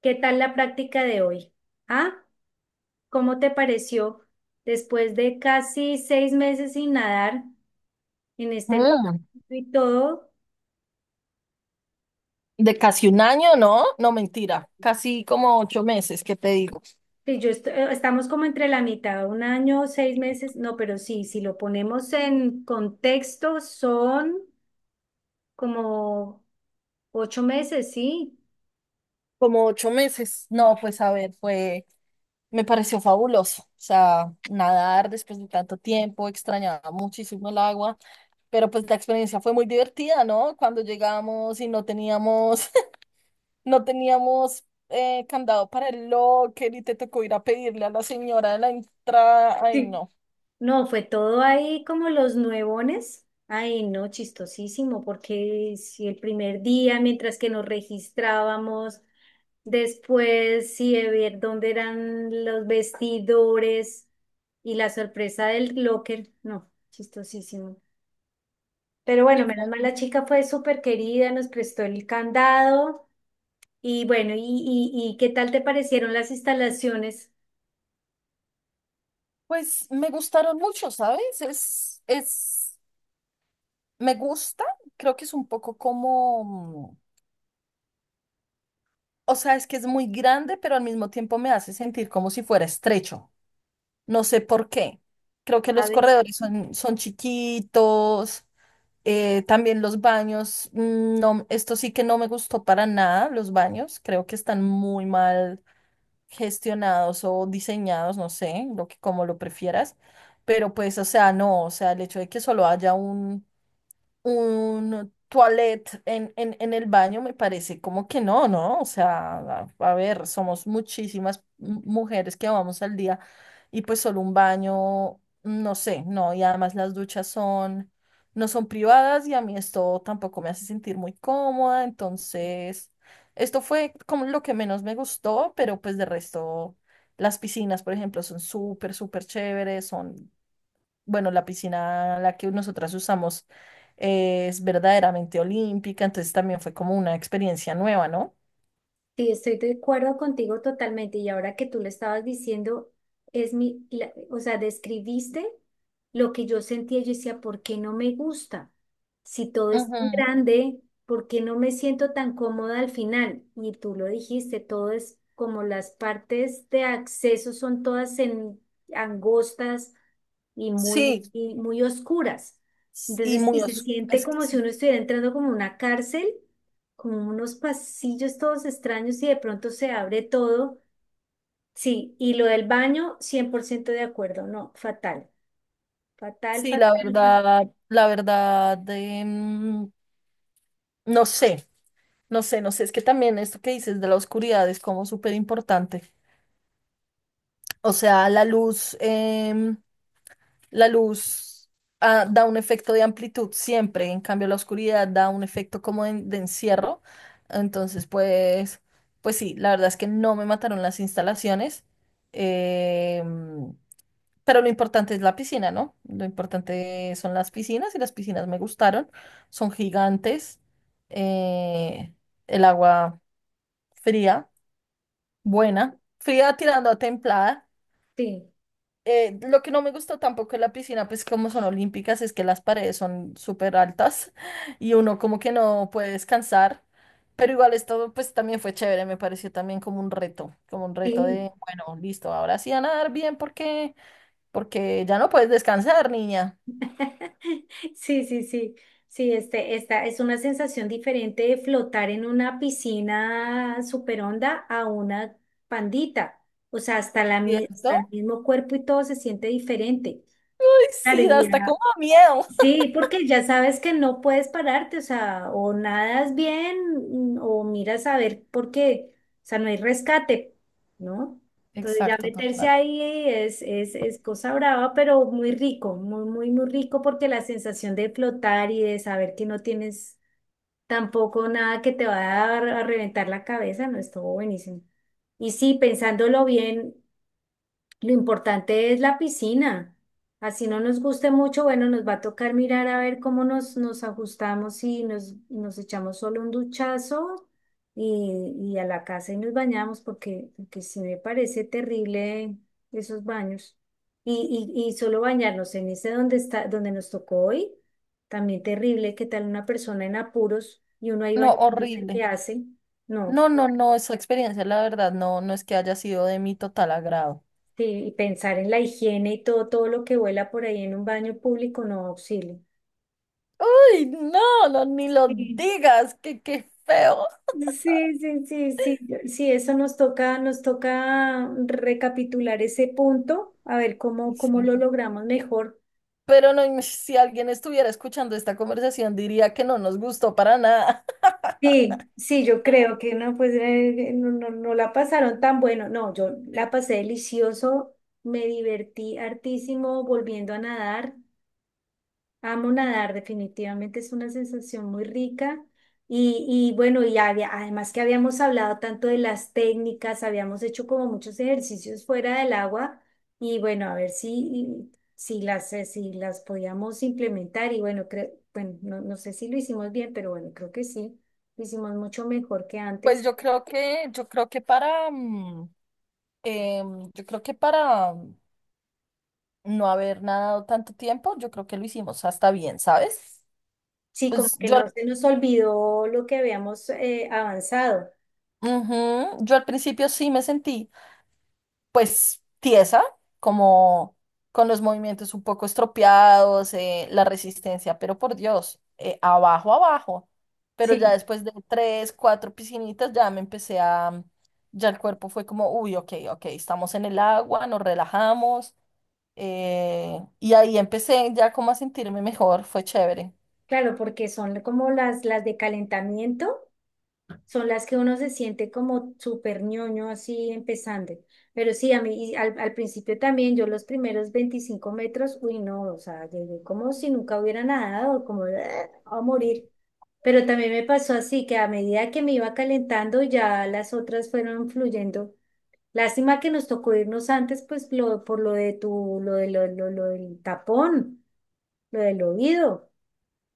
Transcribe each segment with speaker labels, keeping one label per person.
Speaker 1: ¿Qué tal la práctica de hoy? ¿Ah? ¿Cómo te pareció después de casi 6 meses sin nadar en este
Speaker 2: Mm,
Speaker 1: y todo?
Speaker 2: de casi un año, ¿no? No, mentira, casi como 8 meses, ¿qué te digo?
Speaker 1: Estamos como entre la mitad, un año, seis meses, no, pero sí, si lo ponemos en contexto, son como 8 meses, ¿sí?
Speaker 2: Como 8 meses. No, pues a ver, me pareció fabuloso. O sea, nadar después de tanto tiempo, extrañaba muchísimo el agua, pero pues la experiencia fue muy divertida, ¿no? Cuando llegamos y no teníamos, no teníamos candado para el locker y te tocó ir a pedirle a la señora de la entrada. Ay,
Speaker 1: Sí.
Speaker 2: no.
Speaker 1: No, fue todo ahí como los nuevones. Ay, no, chistosísimo, porque si el primer día, mientras que nos registrábamos, después, sí, de ver dónde eran los vestidores y la sorpresa del locker. No, chistosísimo. Pero bueno,
Speaker 2: Sí,
Speaker 1: menos
Speaker 2: fue-
Speaker 1: mal la chica fue súper querida, nos prestó el candado. Y bueno, ¿y qué tal te parecieron las instalaciones?
Speaker 2: Pues me gustaron mucho, ¿sabes? Es. Me gusta, creo que es un poco como, mm, o sea, es que es muy grande, pero al mismo tiempo me hace sentir como si fuera estrecho. No sé por qué. Creo que los
Speaker 1: ¿Sabes?
Speaker 2: corredores son, chiquitos. También los baños, mm, no, esto sí que no me gustó para nada, los baños, creo que están muy mal gestionados o diseñados, no sé, lo que como lo prefieras, pero pues, o sea, no, o sea, el hecho de que solo haya un toilet en el baño, me parece como que no, ¿no? O sea, a ver, somos muchísimas mujeres que vamos al día y pues solo un baño, no sé, no, y además las duchas no son privadas y a mí esto tampoco me hace sentir muy cómoda, entonces, esto fue como lo que menos me gustó, pero pues de resto, las piscinas, por ejemplo, son súper, súper chéveres. Bueno, la piscina la que nosotras usamos es verdaderamente olímpica, entonces también fue como una experiencia nueva, ¿no?
Speaker 1: Sí, estoy de acuerdo contigo totalmente. Y ahora que tú lo estabas diciendo, es o sea, describiste lo que yo sentía. Yo decía, ¿por qué no me gusta? Si todo es tan
Speaker 2: Ujú.
Speaker 1: grande, ¿por qué no me siento tan cómoda al final? Y tú lo dijiste, todo es como las partes de acceso son todas en angostas
Speaker 2: Sí,
Speaker 1: y muy oscuras. Entonces, sí, se siente
Speaker 2: Es que
Speaker 1: como si
Speaker 2: sí,
Speaker 1: uno estuviera entrando como una cárcel con unos pasillos todos extraños y de pronto se abre todo. Sí, y lo del baño, 100% de acuerdo, no, fatal, fatal,
Speaker 2: sí,
Speaker 1: fatal,
Speaker 2: la
Speaker 1: fatal.
Speaker 2: verdad, la verdad, no sé, no sé, es que también esto que dices de la oscuridad es como súper importante. O sea, la luz da un efecto de amplitud siempre, en cambio la oscuridad da un efecto como de encierro. Entonces, pues sí, la verdad es que no me mataron las instalaciones, eh, pero lo importante es la piscina, ¿no? Lo importante son las piscinas y las piscinas me gustaron, son gigantes, eh, el agua fría, buena, fría tirando a templada.
Speaker 1: Sí,
Speaker 2: Lo que no me gustó tampoco de la piscina, pues como son olímpicas, es que las paredes son súper altas y uno como que no puede descansar. Pero igual esto pues también fue chévere, me pareció también como un reto
Speaker 1: sí.
Speaker 2: de, bueno, listo, ahora sí a nadar bien porque ya no puedes descansar, niña.
Speaker 1: Sí, sí, sí. Sí, esta es una sensación diferente de flotar en una piscina super honda a una pandita. O sea, hasta
Speaker 2: ¿Cierto?
Speaker 1: el mismo cuerpo y todo se siente diferente.
Speaker 2: Ay,
Speaker 1: Claro,
Speaker 2: sí, da
Speaker 1: y
Speaker 2: hasta
Speaker 1: ya
Speaker 2: como miedo.
Speaker 1: sí, porque ya sabes que no puedes pararte, o sea, o nadas bien, o miras a ver por qué, o sea, no hay rescate, ¿no? Entonces ya
Speaker 2: Exacto,
Speaker 1: meterse
Speaker 2: total.
Speaker 1: ahí es cosa brava, pero muy rico, muy, muy, muy rico porque la sensación de flotar y de saber que no tienes tampoco nada que te va a, a reventar la cabeza, no, estuvo buenísimo. Y sí, pensándolo bien. Lo importante es la piscina. Así no nos guste mucho, bueno, nos va a tocar mirar a ver cómo nos ajustamos y nos echamos solo un duchazo y a la casa y nos bañamos porque, porque sí me parece terrible esos baños. Y solo bañarnos en ese donde está, donde nos tocó hoy, también terrible, ¿qué tal una persona en apuros y uno ahí
Speaker 2: No,
Speaker 1: bañándose? ¿Qué
Speaker 2: horrible.
Speaker 1: hace? No,
Speaker 2: No, no, no, esa experiencia, la verdad, no, no es que haya sido de mi total agrado.
Speaker 1: sí, y pensar en la higiene y todo, todo lo que vuela por ahí en un baño público, no, auxilio.
Speaker 2: Uy, no, no, ni lo
Speaker 1: Sí.
Speaker 2: digas, que qué feo.
Speaker 1: Sí, sí, sí, sí, sí, eso nos toca recapitular ese punto, a ver cómo, cómo
Speaker 2: Sí.
Speaker 1: lo logramos mejor.
Speaker 2: Pero no, si alguien estuviera escuchando esta conversación diría que no nos gustó para nada.
Speaker 1: Sí, sí, yo creo que no, pues no, no, no la pasaron tan bueno, no, yo la
Speaker 2: Sí.
Speaker 1: pasé delicioso, me divertí hartísimo volviendo a nadar. Amo nadar, definitivamente es una sensación muy rica. Y, y bueno, además que habíamos hablado tanto de las técnicas, habíamos hecho como muchos ejercicios fuera del agua y bueno, a ver si, si las, si las podíamos implementar y bueno, creo, bueno, no, no sé si lo hicimos bien, pero bueno, creo que sí, lo hicimos mucho mejor que
Speaker 2: Pues
Speaker 1: antes.
Speaker 2: yo creo que para, em, yo creo que para mm, no haber nadado tanto tiempo, yo creo que lo hicimos hasta bien, ¿sabes?
Speaker 1: Sí, como
Speaker 2: Pues
Speaker 1: que no se nos olvidó lo que habíamos avanzado.
Speaker 2: ujú, yo al principio sí me sentí, pues tiesa, como con los movimientos un poco estropeados, la resistencia, pero por Dios, abajo, abajo. Pero ya
Speaker 1: Sí,
Speaker 2: después de tres, cuatro piscinitas, ya el cuerpo fue como, uy, ok, ok, estamos en el agua, nos relajamos. Y ahí empecé ya como a sentirme mejor, fue chévere.
Speaker 1: claro, porque son como las de calentamiento. Son las que uno se siente como súper ñoño así empezando. Pero sí, a mí al principio también yo los primeros 25 metros, uy no, o sea, llegué como si nunca hubiera nadado, como "Ah, a morir". Pero también me pasó así, que a medida que me iba calentando, ya las otras fueron fluyendo. Lástima que nos tocó irnos antes, pues por lo de tu, lo de lo del tapón, lo del oído.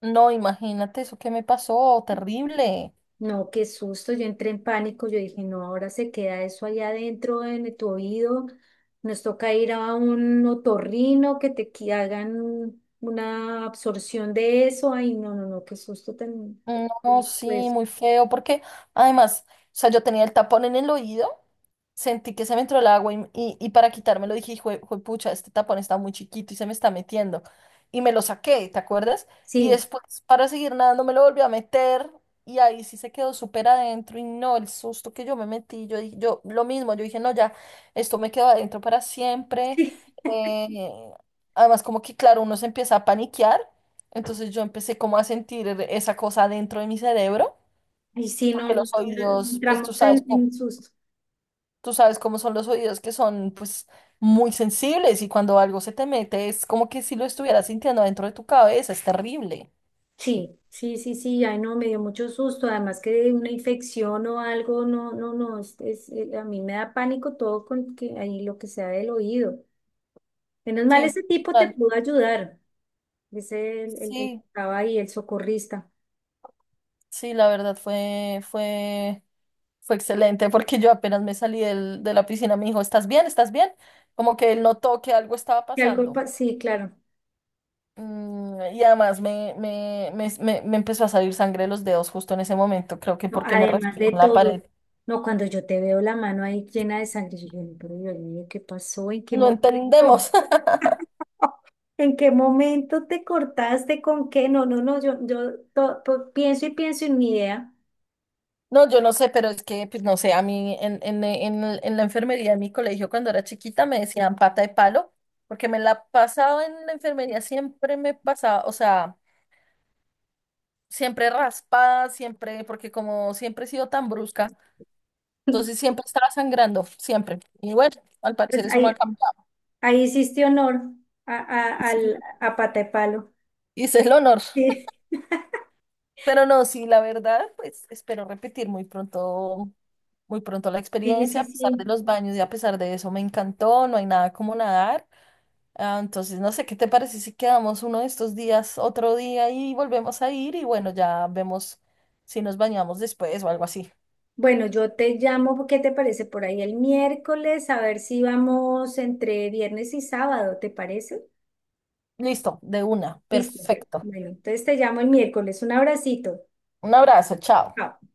Speaker 2: No, imagínate eso que me pasó, terrible.
Speaker 1: No, qué susto, yo entré en pánico, yo dije, no, ahora se queda eso allá adentro en tu oído, nos toca ir a un otorrino que hagan una absorción de eso, ay, no, no, no, qué susto tan...
Speaker 2: No,
Speaker 1: Y
Speaker 2: sí,
Speaker 1: pues
Speaker 2: muy feo, porque además, o sea, yo tenía el tapón en el oído, sentí que se me entró el agua y para quitármelo dije, hijo pucha, este tapón está muy chiquito y se me está metiendo. Y me lo saqué, ¿te acuerdas? Y
Speaker 1: sí,
Speaker 2: después, para seguir nadando, me lo volví a meter y ahí sí se quedó súper adentro y no, el susto que yo me metí, yo lo mismo, yo dije, no, ya, esto me quedó adentro para siempre. eh, Además, como que, claro, uno se empieza a paniquear. Entonces yo empecé como a sentir esa cosa dentro de mi cerebro,
Speaker 1: y sí, no,
Speaker 2: porque
Speaker 1: no,
Speaker 2: los oídos, pues tú
Speaker 1: entramos
Speaker 2: sabes,
Speaker 1: en susto.
Speaker 2: tú sabes cómo son los oídos, que son pues muy sensibles y cuando algo se te mete es como que si lo estuvieras sintiendo dentro de tu cabeza, es terrible.
Speaker 1: Sí, sí, sí, sí, ay, no, me dio mucho susto, además que de una infección o algo, no, no, no, a mí me da pánico todo con que ahí lo que sea del oído. Menos mal
Speaker 2: Sí,
Speaker 1: ese tipo te
Speaker 2: total.
Speaker 1: pudo ayudar, dice el que
Speaker 2: Sí,
Speaker 1: estaba ahí, el socorrista.
Speaker 2: sí, la verdad fue excelente porque yo apenas me salí de la piscina, me dijo, ¿estás bien? ¿Estás bien? Como que él notó que algo estaba
Speaker 1: Que algo,
Speaker 2: pasando.
Speaker 1: sí, claro.
Speaker 2: Y además me empezó a salir sangre de los dedos justo en ese momento, creo que
Speaker 1: No,
Speaker 2: porque me
Speaker 1: además
Speaker 2: raspé
Speaker 1: de
Speaker 2: con la
Speaker 1: todo,
Speaker 2: pared.
Speaker 1: no, cuando yo te veo la mano ahí llena de sangre, yo dije, "No, pero Dios mío, ¿qué pasó? ¿En qué
Speaker 2: No
Speaker 1: momento?"
Speaker 2: entendemos.
Speaker 1: ¿En qué momento te cortaste? ¿Con qué? No, no, no, yo, pienso y pienso en mi idea.
Speaker 2: No, yo no sé, pero es que, pues no sé, a mí en la enfermería de mi colegio cuando era chiquita me decían pata de palo, porque me la pasaba en la enfermería, siempre me pasaba, o sea, siempre raspada, siempre, porque como siempre he sido tan brusca, entonces siempre estaba sangrando, siempre. Y bueno, al
Speaker 1: Pues
Speaker 2: parecer eso no ha
Speaker 1: ahí,
Speaker 2: cambiado.
Speaker 1: ahí hiciste honor a pata de palo.
Speaker 2: Hice el honor. Pero no, sí, la verdad, pues espero repetir muy pronto la
Speaker 1: Sí, sí, sí,
Speaker 2: experiencia, a pesar de
Speaker 1: sí.
Speaker 2: los baños y a pesar de eso me encantó, no hay nada como nadar. Ah, entonces, no sé, ¿qué te parece si quedamos uno de estos días, otro día y volvemos a ir y bueno, ya vemos si nos bañamos después o algo así.
Speaker 1: Bueno, yo te llamo, ¿qué te parece? Por ahí el miércoles, a ver si vamos entre viernes y sábado, ¿te parece?
Speaker 2: Listo, de una,
Speaker 1: Listo.
Speaker 2: perfecto.
Speaker 1: Bueno, entonces te llamo el miércoles. Un abracito.
Speaker 2: Un abrazo, chao.
Speaker 1: Chao.